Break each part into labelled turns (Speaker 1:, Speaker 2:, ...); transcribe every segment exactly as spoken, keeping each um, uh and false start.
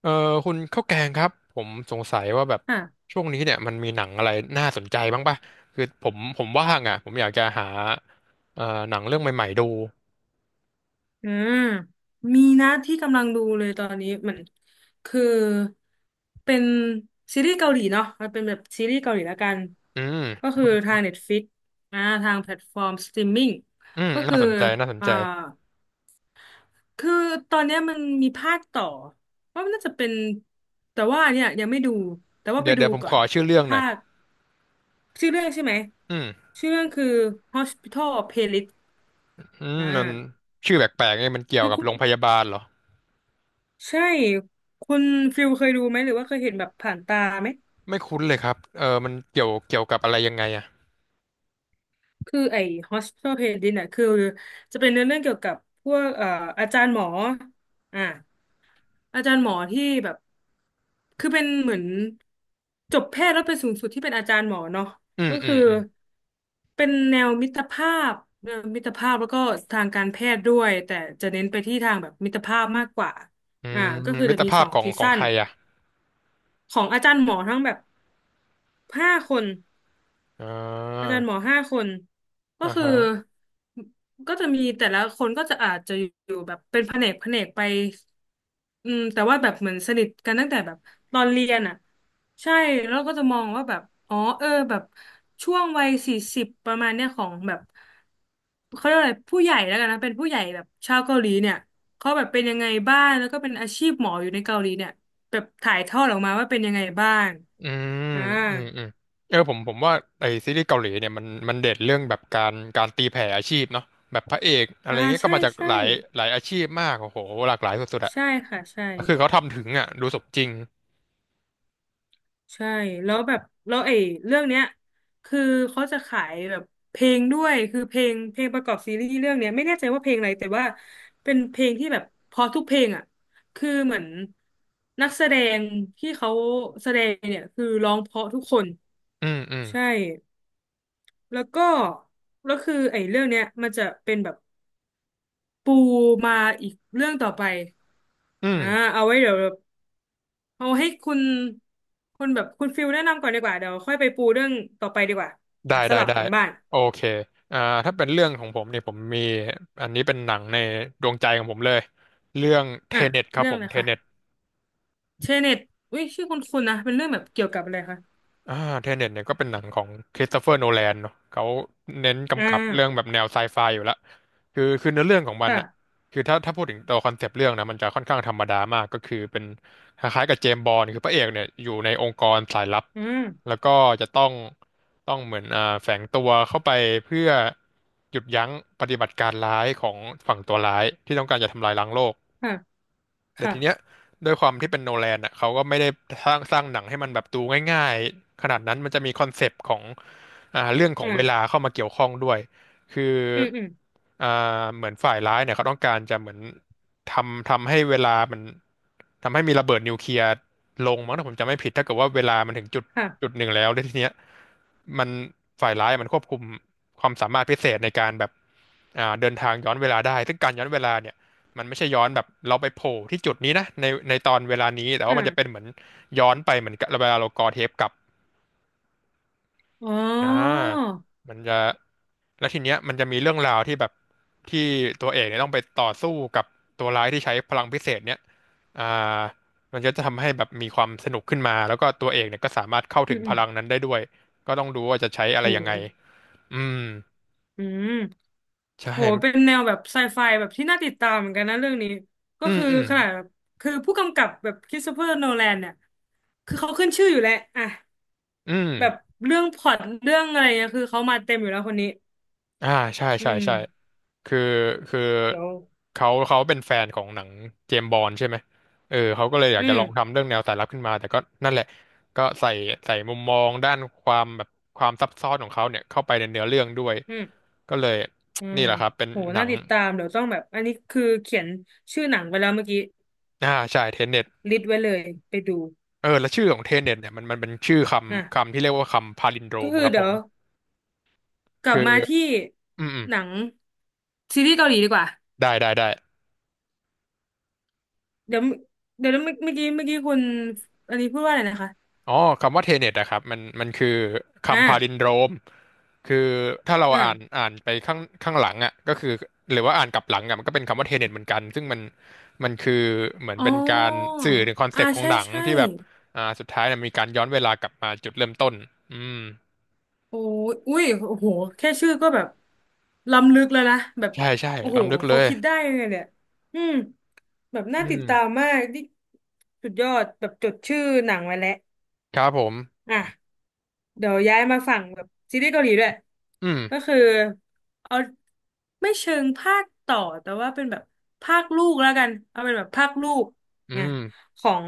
Speaker 1: เออคุณข้าวแกงครับผมสงสัยว่าแบบ
Speaker 2: ค่ะ
Speaker 1: ช่วงนี้เนี่ยมันมีหนังอะไรน่าสนใจบ้างป่ะคือผมผมว่างอ่ะผมอยากจะหาเอ่อหนังเรื่องใหม่ๆดู
Speaker 2: อืมมีนะที่กำลังดูเลยตอนนี้เหมือนคือเป็นซีรีส์เกาหลีเนาะมันเป็นแบบซีรีส์เกาหลีละกัน
Speaker 1: อืม
Speaker 2: ก็คือทาง Netflix อ่าทางแพลตฟอร์มสตรีมมิ่ง
Speaker 1: อืม
Speaker 2: ก็คื
Speaker 1: น่า
Speaker 2: อ
Speaker 1: สนใจน่าสน
Speaker 2: อ่า
Speaker 1: ใจ
Speaker 2: คือตอนเนี้ยมันมีภาคต่อว่ามันน่าจะเป็นแต่ว่าเนี่ยยังไม่ดูแต่ว่าไป
Speaker 1: เดี๋ยว
Speaker 2: ดู
Speaker 1: เดี๋ยวผม
Speaker 2: ก่อ
Speaker 1: ข
Speaker 2: น
Speaker 1: อ
Speaker 2: แบบ
Speaker 1: ชื่อเรื่องห
Speaker 2: ภา
Speaker 1: น่อย
Speaker 2: คชื่อเรื่องใช่ไหม
Speaker 1: อืม
Speaker 2: ชื่อเรื่องคือ Hospital Playlist
Speaker 1: อืม
Speaker 2: อ่
Speaker 1: มัน
Speaker 2: า
Speaker 1: ชื่อแปลกๆเนี่ยมันเกี่ยว
Speaker 2: คือ
Speaker 1: กับ
Speaker 2: คุณ
Speaker 1: โรงพยาบาลเหรอ
Speaker 2: ใช่คุณฟิลเคยดูไหมหรือว่าเคยเห็นแบบผ่านตาไหม
Speaker 1: ไม่คุ้นเลยครับเออมันเกี่ยวเกี่ยวกับอะไรยังไงอ่ะ
Speaker 2: คือไอ้ Hospital Playlist น่ะคือจะเป็นเนื้อเรื่องเกี่ยวกับพวกเอ่ออาจารย์หมออ่าอาจารย์หมอที่แบบคือเป็นเหมือนจบแพทย์แล้วไปสูงสุดที่เป็นอาจารย์หมอเนาะ
Speaker 1: อืม
Speaker 2: ก็
Speaker 1: อื
Speaker 2: คื
Speaker 1: ม
Speaker 2: อ
Speaker 1: อืม
Speaker 2: เป็นแนวมิตรภาพแนวมิตรภาพแล้วก็ทางการแพทย์ด้วยแต่จะเน้นไปที่ทางแบบมิตรภาพมากกว่า
Speaker 1: อื
Speaker 2: อ่า
Speaker 1: ม
Speaker 2: ก็คือ
Speaker 1: มิ
Speaker 2: จะ
Speaker 1: ตร
Speaker 2: มี
Speaker 1: ภา
Speaker 2: ส
Speaker 1: พ
Speaker 2: อง
Speaker 1: ของ
Speaker 2: ซี
Speaker 1: ของ
Speaker 2: ซั่น
Speaker 1: ใครอ่ะ
Speaker 2: ของอาจารย์หมอทั้งแบบห้าคน
Speaker 1: อ่
Speaker 2: อา
Speaker 1: า
Speaker 2: จารย์หมอห้าคนก็
Speaker 1: อ่า
Speaker 2: คือ
Speaker 1: ฮะ
Speaker 2: ก็จะมีแต่ละคนก็จะอาจจะอยู่แบบเป็นแผนกแผนกไปอืมแต่ว่าแบบเหมือนสนิทกันตั้งแต่แบบตอนเรียนอ่ะใช่แล้วก็จะมองว่าแบบอ๋อเออแบบช่วงวัยสี่สิบประมาณเนี้ยของแบบเขาเรียกว่าอะไรผู้ใหญ่แล้วกันนะเป็นผู้ใหญ่แบบชาวเกาหลีเนี่ยเขาแบบเป็นยังไงบ้างแล้วก็เป็นอาชีพหมออยู่ในเกาหลีเนี่ยแบบถ่ายทอดออกมาว่าเป็นยังไงบ้าง
Speaker 1: อืม
Speaker 2: อ่า
Speaker 1: อืมอืมเออผมผมว่าไอซีรีส์เกาหลีเนี่ยมันมันเด่นเรื่องแบบการการตีแผ่อาชีพเนาะแบบพระเอกอะไร
Speaker 2: อ่า
Speaker 1: เงี้ยก็
Speaker 2: ใช่
Speaker 1: มาจาก
Speaker 2: ใช่
Speaker 1: หลายหลายอาชีพมากโอ้โหหลากหลายสุดๆอะ
Speaker 2: ใช่ค่ะใช่
Speaker 1: คือเขาทำถึงอะดูสมจริง
Speaker 2: ใช่แล้วแบบแล้วไอ้เรื่องเนี้ยคือเขาจะขายแบบเพลงด้วยคือเพลงเพลงประกอบซีรีส์เรื่องเนี้ยไม่แน่ใจว่าเพลงอะไรแต่ว่าเป็นเพลงที่แบบเพอทุกเพลงอ่ะคือเหมือนนักแสดงที่เขาแสดงเนี่ยคือร้องเพราะทุกคน
Speaker 1: อืมอืม
Speaker 2: ใช่แล้วก็แล้วคือไอ้เรื่องเนี้ยมันจะเป็นแบบปูมาอีกเรื่องต่อไป
Speaker 1: อืม
Speaker 2: อ่าเอาไว้เดี๋ยว เอาให้คุณคุณแบบคุณฟิลแนะนำก่อนดีกว่าเดี๋ยวค่อยไปปูเรื่องต่อไปดีกว่า
Speaker 1: ได้
Speaker 2: อ่ะส
Speaker 1: ได้
Speaker 2: ลับ
Speaker 1: ได้
Speaker 2: กันบ้าง
Speaker 1: โอเคอ่าถ้าเป็นเรื่องของผมเนี่ยผมมีอันนี้เป็นหนังในดวงใจของผมเลยเรื่องเท
Speaker 2: อ่ะ
Speaker 1: เน็ตครับ
Speaker 2: เรื่อง
Speaker 1: ผ
Speaker 2: อะ
Speaker 1: ม
Speaker 2: ไร
Speaker 1: เท
Speaker 2: คะ
Speaker 1: เน็ต
Speaker 2: เชเน็ตอุ้ยชื่อคุณคุณนะเป็นเรื่องแบบเกี่ยวกับอะไรคะ
Speaker 1: อ่าเทเน็ตเนี่ยก็เป็นหนังของคริสโตเฟอร์โนแลนเนาะเขาเน้น
Speaker 2: อ่
Speaker 1: กำกับเรื่องแบ
Speaker 2: า
Speaker 1: บแนวไซไฟอยู่ละคือคือเนื้อเรื่องของมัน
Speaker 2: ค่ะ
Speaker 1: อะคือถ้าถ้าพูดถึงตัวคอนเซปต์เรื่องนะมันจะค่อนข้างธรรมดามากก็คือเป็นคล้ายๆกับเจมส์บอนด์คือพระเอกเนี่ยอยู่ในองค์กรสายลับ
Speaker 2: อืม
Speaker 1: แล้วก็จะต้องต้องเหมือนอ่าแฝงตัวเข้าไปเพื่อหยุดยั้งปฏิบัติการร้ายของฝั่งตัวร้ายที่ต้องการจะทำลายล้างโลก
Speaker 2: ค่ะ
Speaker 1: แต่
Speaker 2: ค่ะ
Speaker 1: ทีเนี้ยด้วยความที่เป็นโนแลนอ่ะเขาก็ไม่ได้สร้างสร้างหนังให้มันแบบดูง่ายๆขนาดนั้นมันจะมีคอนเซปต์ของอ่าเรื่องของเวลา
Speaker 2: อ่า
Speaker 1: เข้ามาเกี่ยวข้องด้วยคือ
Speaker 2: อืมอืม
Speaker 1: อ่าเหมือนฝ่ายร้ายเนี่ยเขาต้องการจะเหมือนทำทำให้เวลามันทำให้มีระเบิดนิวเคลียร์ลงมั้งถ้าผมจำไม่ผิดถ้าเกิดว่าเวลามันถึงจุดจุ
Speaker 2: ค่ะ
Speaker 1: ดหนึ่งแล้วแล้วทีเนี้ย มันฝ่ายร้ายมันควบคุมความสามารถพิเศษในการแบบอ่าเดินทางย้อนเวลาได้ซึ่งการย้อนเวลาเนี่ยมันไม่ใช่ย้อนแบบเราไปโผล่ที่จุดนี้นะในในตอนเวลานี้แต่ว่ามันจะเป็น
Speaker 2: อ่า
Speaker 1: เหมือนย้อนไปเหมือนกับเวลาเรากอเทปกลับ
Speaker 2: อ๋อ
Speaker 1: อ่ามันจะแล้วทีเนี้ยมันจะมีเรื่องราวที่แบบที่ตัวเอกเนี่ยต้องไปต่อสู้กับตัวร้ายที่ใช้พลังพิเศษเนี่ยอ่ามันก็จะทำให้แบบมีความสนุกขึ้นมาแล้วก็ตัวเอกเนี่ยก็สามารถเข้า
Speaker 2: อื
Speaker 1: ถึ
Speaker 2: ม
Speaker 1: ง
Speaker 2: อื
Speaker 1: พ
Speaker 2: ม
Speaker 1: ลังนั้นได้ด้วยก็ต้องดูว่าจะใช้อะไร
Speaker 2: โห
Speaker 1: ยังไงอืม
Speaker 2: อืม
Speaker 1: ใช่
Speaker 2: โหเป็นแนวแบบไซไฟแบบที่น่าติดตามเหมือนกันนะเรื่องนี้ก็
Speaker 1: อืม
Speaker 2: คือ
Speaker 1: อืม
Speaker 2: ขนาดแบบคือผู้กำกับแบบคริสโตเฟอร์โนแลนเนี่ยคือเขาขึ้นชื่ออยู่แล้วอ่ะ
Speaker 1: อืม
Speaker 2: แบบเรื่องพล็อตเรื่องอะไรเนี่ยคือเขามาเต็มอยู่แล้วคนนี้
Speaker 1: อ่าใช่
Speaker 2: อื
Speaker 1: ใช่
Speaker 2: ม
Speaker 1: ใช่คือคือ
Speaker 2: เดี๋ยว
Speaker 1: เขาเขาเป็นแฟนของหนังเจมส์บอนด์ใช่ไหมเออเขาก็เลยอยา
Speaker 2: อื
Speaker 1: กจะ
Speaker 2: ม
Speaker 1: ลองทำเรื่องแนวสายลับขึ้นมา แต่ก็นั่นแหละ ก็ใส่ใส่มุมมองด้านความแบบความซับซ้อนของเขาเนี่ยเข้าไปในเนื้อเรื่องด้วย
Speaker 2: อืม
Speaker 1: ก็เลย
Speaker 2: อื
Speaker 1: นี่
Speaker 2: ม
Speaker 1: แหละครับเป็น
Speaker 2: โห
Speaker 1: หนั
Speaker 2: น่า
Speaker 1: ง
Speaker 2: ติดตามเดี๋ยวต้องแบบอันนี้คือเขียนชื่อหนังไปแล้วเมื่อกี้
Speaker 1: อ่าใช่เทนเน็ต
Speaker 2: ลิสต์ไว้เลยไปดู
Speaker 1: เออแล้วชื่อของเทนเน็ตเนี่ยมันมันเป็นชื่อค
Speaker 2: อ่ะ
Speaker 1: ำคำที่เรียกว่าคำพาลินโดร
Speaker 2: ก็
Speaker 1: ม
Speaker 2: คือ
Speaker 1: ครับ
Speaker 2: เดี๋
Speaker 1: ผ
Speaker 2: ยว
Speaker 1: ม
Speaker 2: กลั
Speaker 1: คื
Speaker 2: บ
Speaker 1: อ
Speaker 2: มาที่
Speaker 1: อืมอืม
Speaker 2: หนังซีรีส์เกาหลีดีกว่า
Speaker 1: ได้ได้ได้
Speaker 2: เดี๋ยวเดี๋ยวเมื่อเมื่อกี้เมื่อกี้คุณอันนี้พูดว่าอะไรนะคะ
Speaker 1: อ๋อคำว่าเทเน็ตอะครับมันมันคือคำพาลิน
Speaker 2: อ่า
Speaker 1: โดรมคือถ้าเราอ่าน
Speaker 2: อ่า
Speaker 1: อ่านไปข้างข้างหลังอะก็คือหรือว่าอ่านกลับหลังอะมันก็เป็นคำว่าเทเน็ตเหมือนกันซึ่งมันมันคือเหมือน
Speaker 2: อ๋อ
Speaker 1: เป็นการสื่อถึงคอนเซ
Speaker 2: อ่า
Speaker 1: ปต์ของ
Speaker 2: ใช่
Speaker 1: หนัง
Speaker 2: ใช่
Speaker 1: ที่แบบอ่าสุดท้ายเนี่ยมีการย้อนเวลากลับมาจุดเริ่มต้นอืม
Speaker 2: โอ้ยอุ้ยโอ้โหแค่ชื่อก็แบบล้ำลึกแล้วนะ แบบ
Speaker 1: ใช่ใช่
Speaker 2: โอ้โห
Speaker 1: ล้ำลึกเล
Speaker 2: เขา
Speaker 1: ย
Speaker 2: คิดได้ยังไงเนี่ยอืมแบบ
Speaker 1: อื
Speaker 2: น่าติ
Speaker 1: ม
Speaker 2: ดตามมากนี่สุดยอดแบบจดชื่อหนังไว้แล้ว
Speaker 1: ครับผม
Speaker 2: อ่ะเดี๋ยวย้ายมาฝั่งแบบซีรีส์เกาหลีด้วย
Speaker 1: อืม
Speaker 2: ก็คือเอาไม่เชิงภาคต่อแต่ว่าเป็นแบบภาคลูกแล้วกัน เอาเป็นแบบภาคลูก
Speaker 1: อื
Speaker 2: ไง
Speaker 1: ม
Speaker 2: ของ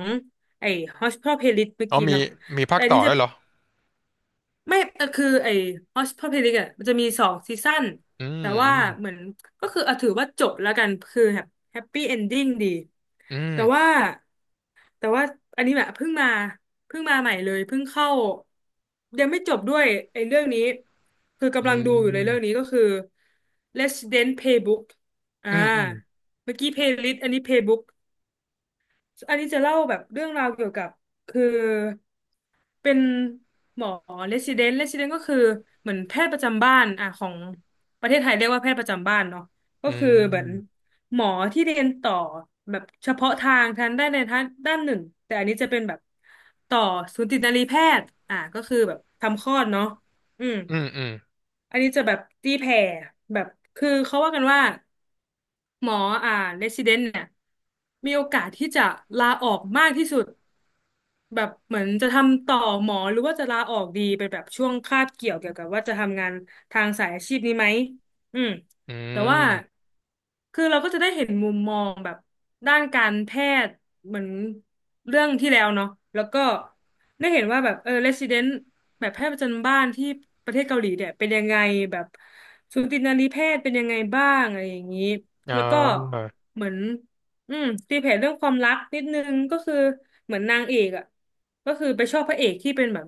Speaker 2: ไอ้ Hospital Playlist เมื่อ
Speaker 1: อ๋อ
Speaker 2: กี้
Speaker 1: มี
Speaker 2: เนาะ
Speaker 1: มีภา
Speaker 2: แต่
Speaker 1: ค
Speaker 2: อัน
Speaker 1: ต่อ
Speaker 2: นี้จะ
Speaker 1: ด้วยเหรอ
Speaker 2: ไม่แต่คือไอ้ Hospital อ่ะมันจะมีสองซีซั่น
Speaker 1: อืม
Speaker 2: แต่
Speaker 1: อื
Speaker 2: ว่า
Speaker 1: ม
Speaker 2: เหมือนก็คือเอาถือว่าจบแล้วกันคือแบบแฮปปี้เอนดิ้งดี
Speaker 1: อืม
Speaker 2: แต่ว่าแต่ว่าอันนี้แบบเพิ่งมาเพิ่งมาใหม่เลยเพิ่งเข้ายังไม่จบด้วยไอ้เรื่องนี้คือ
Speaker 1: อื
Speaker 2: กำลังดูอยู่เลยเรื่องนี้
Speaker 1: ม
Speaker 2: ก็คือ Resident Playbook อ่า
Speaker 1: อืมอืม
Speaker 2: เมื่อกี้ Playlist อันนี้ Playbook อันนี้จะเล่าแบบเรื่องราวเกี่ยวกับคือเป็นหมอเ e ส i เดนต์เรส d ิเดนต์ก็คือเหมือนแพทย์ประจำบ้านอ่ะของประเทศไทยเรียกว่าแพทย์ประจำบ้านเนาะก็
Speaker 1: อื
Speaker 2: คือเหมือน
Speaker 1: ม
Speaker 2: หมอที่เรียนต่อแบบเฉพาะทางทางด้านใดทางด้านหนึ่งแต่อันนี้จะเป็นแบบต่อสูตินรีแพทย์อ่ะก็คือแบบทำคลอดเนาะอืม
Speaker 1: อืมอืม
Speaker 2: อันนี้จะแบบตีแผ่แบบคือเขาว่ากันว่า หมออ่าเรซิเดนต์เนี่ยมีโอกาสที่จะลาออกมากที่สุดแบบเหมือนจะทำต่อหมอหรือว่าจะลาออกดีเป็นแบบช่วงคาบเกี่ยวเกี่ยวกับว่าจะทำงานทางสายอาชีพนี้ไหมอืม
Speaker 1: อื
Speaker 2: แต่ว่า
Speaker 1: ม
Speaker 2: คือเราก็จะได้เห็นมุมมองแบบด้านการแพทย์เหมือนเรื่องที่แล้วเนาะแล้วก็ได้เห็นว่าแบบเออเรซิเดนต์แบบแพทย์ประจำบ้านที่ประเทศเกาหลีเนี่ยเป็นยังไงแบบสูตินรีแพทย์เป็นยังไงบ้างอะไรอย่างนี้
Speaker 1: อ่
Speaker 2: แล้วก็
Speaker 1: า
Speaker 2: เหมือนอืมตีแผ่เรื่องความรักนิดนึงก็คือเหมือนนางเอกอ่ะก็คือไปชอบพระเอกที่เป็นแบบ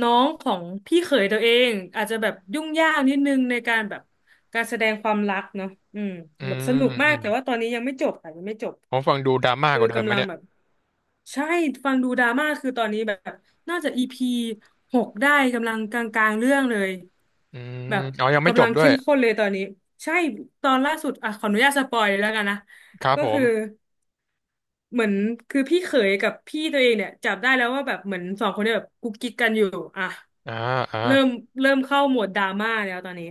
Speaker 2: น้องของพี่เขยตัวเองอาจจะแบบยุ่งยากนิดนึงในการแบบการแสดงความรักเนาะอืม
Speaker 1: อื
Speaker 2: แบบสนุ
Speaker 1: ม
Speaker 2: กมา
Speaker 1: อื
Speaker 2: ก
Speaker 1: ม
Speaker 2: แต่ว่าตอนนี้ยังไม่จบค่ะยังไม่จบ
Speaker 1: ผมฟังดูดราม่า
Speaker 2: คื
Speaker 1: ก
Speaker 2: อ
Speaker 1: ว่าเดิมไหม
Speaker 2: กำลัง
Speaker 1: เนี่ย
Speaker 2: แบบ ใช่ฟังดูดราม่าคือตอนนี้แบบน่าจะอีพีหกได้กำลังกลางๆเรื่องเลย
Speaker 1: อืม
Speaker 2: แบบ
Speaker 1: อ๋อยังไม่จ
Speaker 2: กำลั
Speaker 1: บ
Speaker 2: ง
Speaker 1: ด้วย
Speaker 2: เข้มข้นเลยตอนนี้ใช่ตอนล่าสุดอ่ะขออนุญาตสปอยเลยแล้วกันนะ
Speaker 1: ครับ
Speaker 2: ก็
Speaker 1: ผ
Speaker 2: คือ
Speaker 1: ม
Speaker 2: เหมือนคือพี่เขยกับพี่ตัวเองเนี่ยจับได้แล้วว่าแบบเหมือนสองคนเนี่ยแบบกุ๊กกิ๊กกันอยู่อ่ะ
Speaker 1: อ่าอ่า
Speaker 2: เริ่มเริ่มเข้าโหมดดราม่าแล้วตอนนี้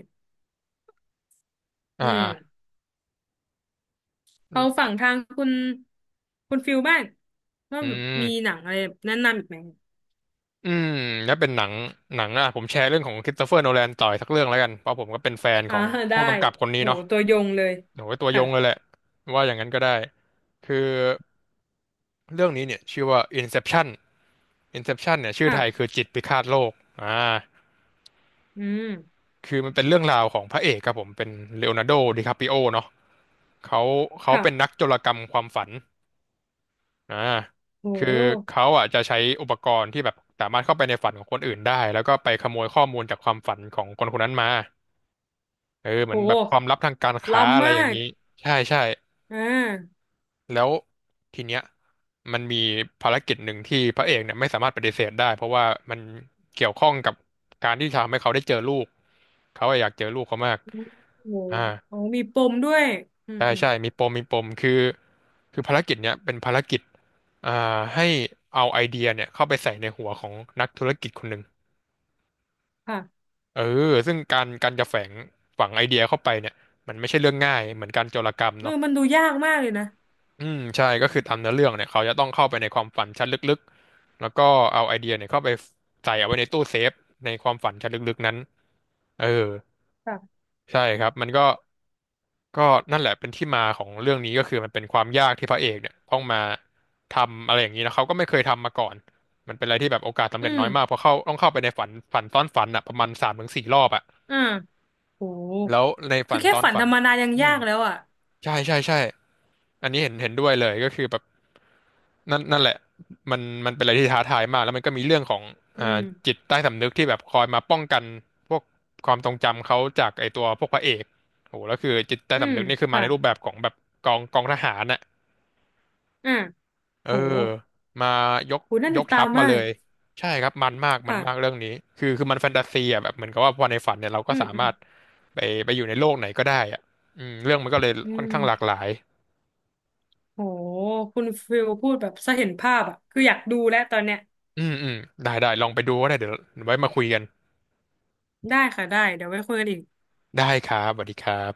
Speaker 1: อ่า
Speaker 2: อืม
Speaker 1: อ่าอื
Speaker 2: เอาฝั่งทางคุณคุณฟิลบ้างว่าแบบมี
Speaker 1: ม
Speaker 2: หนังอะไรแนะนำอีกไหม
Speaker 1: อืมแล้วเป็นหนัง หนังอ่ะผมแชร์เรื่องของคริสโตเฟอร์โนแลนต่ออีกสักเรื่องแล้วกัน เพราะผมก็เป็นแฟนข
Speaker 2: อ่า
Speaker 1: อง
Speaker 2: ได้
Speaker 1: ผู้กำกับคนนี้
Speaker 2: โห
Speaker 1: เนาะ
Speaker 2: ตัวยงเลย
Speaker 1: โอ้ยตัวย
Speaker 2: ค่ะ
Speaker 1: งเลยแหละ ว่าอย่างนั้นก็ได้ คือเรื่องนี้เนี่ยชื่อว่า Inception Inception เนี่ยชื่อไทยคื
Speaker 2: ค่ะ
Speaker 1: อจิตพิฆาตโลกอ่า
Speaker 2: อืม
Speaker 1: คือมันเป็นเรื่องราวของพระเอกครับผมเป็นเลโอนาร์โดดิคาปิโอเนาะ เขาเขา
Speaker 2: ค่ะ
Speaker 1: เป็นนักโจรกรรมความฝันอ่า
Speaker 2: โ
Speaker 1: คือ
Speaker 2: ห
Speaker 1: เขาอ่ะจะใช้อุปกรณ์ที่แบบสามารถเข้าไปในฝันของคนอื่นได้แล้วก็ไปขโมยข้อมูลจากความฝันของคนคนนั้นมาเออเหมือนแบบความ
Speaker 2: โห
Speaker 1: ลับทางการค้าอะ
Speaker 2: ล้ำ
Speaker 1: ไรอ
Speaker 2: มา
Speaker 1: ย่าง
Speaker 2: ก
Speaker 1: นี้ใช่ใช่
Speaker 2: อ่า
Speaker 1: แล้วทีเนี้ยมันมีภารกิจหนึ่งที่พระเอกเนี่ยไม่สามารถปฏิเสธได้เพราะว่ามันเกี่ยวข้องกับการที่ทำให้เขาได้เจอลูกเขาอะอยากเจอลูกเขามาก
Speaker 2: โห
Speaker 1: อ่า
Speaker 2: โหมีปมด้วยอืม
Speaker 1: ใช่
Speaker 2: อืม
Speaker 1: ใช่มีปมมีปมคือคือภารกิจเนี้ยเป็นภารกิจอ่าให้เอาไอเดียเนี่ยเข้าไปใส่ในหัวของนักธุรกิจคนหนึ่ง
Speaker 2: ค่ะ
Speaker 1: เออซึ่งการการจะแฝงฝังไอเดียเข้าไปเนี่ยมันไม่ใช่เรื่องง่ายเหมือนการโจรกรรม
Speaker 2: เออ
Speaker 1: เนาะ
Speaker 2: มันดูยากมากเลยนะ
Speaker 1: อืมใช่ก็คือตามเนื้อเรื่องเนี่ยเขาจะต้องเข้าไปในความฝันชั้นลึกๆแล้วก็เอาไอเดียเนี่ยเข้าไปใส่เอาไว้ในตู้เซฟในความฝันชั้นลึกๆนั้นเออ
Speaker 2: ค่ะ
Speaker 1: ใช่ครับมันก็ ก็นั่นแหละเป็นที่มาของเรื่องนี้ก็คือมันเป็นความยากที่พระเอกเนี่ยต้องมาทำอะไรอย่างนี้นะเขาก็ไม่เคยทำมาก่อนมันเป็นอะไรที่แบบโอกาสสำ
Speaker 2: อื
Speaker 1: เร็จ
Speaker 2: ม
Speaker 1: น้อยมากเพราะเข้าต้องเข้าไปในฝันฝันซ้อนฝันอ่ะประมาณสามถึงสี่รอบอ่ะ
Speaker 2: อ่าโห
Speaker 1: แล้วใน
Speaker 2: คื
Speaker 1: ฝั
Speaker 2: อ
Speaker 1: น
Speaker 2: แค่
Speaker 1: ซ้อน
Speaker 2: ฝัน
Speaker 1: ฝั
Speaker 2: ธร
Speaker 1: น
Speaker 2: รมดายัง
Speaker 1: อื
Speaker 2: ยา
Speaker 1: ม
Speaker 2: กแล้วอ่ะ
Speaker 1: ใช่ใช่ใช่ อันนี้เห็นเห็นด้วยเลยก็คือแบบนั่นนั่นแหละมันมันเป็นอะไรที่ท้าทายมากแล้วมันก็มีเรื่องของ
Speaker 2: อื
Speaker 1: อ่า
Speaker 2: ม
Speaker 1: จิตใต้สำนึกที่แบบคอยมาป้องกันพวกความทรงจำเขาจากไอตัวพวกพระเอกโหแล้วคือจิตใต้
Speaker 2: อืม
Speaker 1: สำนึกนี่คือมา
Speaker 2: ค่ะ
Speaker 1: ในรูปแบบของแบบกองกองทหารน่ะ
Speaker 2: อ่า
Speaker 1: เอ
Speaker 2: โห
Speaker 1: อมายก
Speaker 2: โหน่า
Speaker 1: ย
Speaker 2: ติ
Speaker 1: ก
Speaker 2: ดตา
Speaker 1: ทั
Speaker 2: ม
Speaker 1: พมา
Speaker 2: มา
Speaker 1: เล
Speaker 2: ก
Speaker 1: ยใช่ครับมันมากมันมาก
Speaker 2: ค่ะ
Speaker 1: เรื่องนี้คือคือมันแฟนตาซีอ่ะแบบเหมือนกับว่าพอในฝันเนี่ยเราก็
Speaker 2: อืม
Speaker 1: สา
Speaker 2: อื
Speaker 1: มา
Speaker 2: ม
Speaker 1: รถไปไปอยู่ในโลกไหนก็ได้อ่ะอืมเรื่องมันก็เลย
Speaker 2: อื
Speaker 1: ค่อน
Speaker 2: ม
Speaker 1: ข้างหลากหลาย
Speaker 2: โหคุณฟิลพูดแบบสะเห็นภาพอ่ะคืออยากดูแล้วตอนเนี้ย
Speaker 1: อืมอืมได้ได้ลองไปดูก็ได้เดี๋ยวไว้มาคุยกัน
Speaker 2: ได้ค่ะได้เดี๋ยวไว้คุยกันอีก
Speaker 1: ได้ครับสวัสดีครับ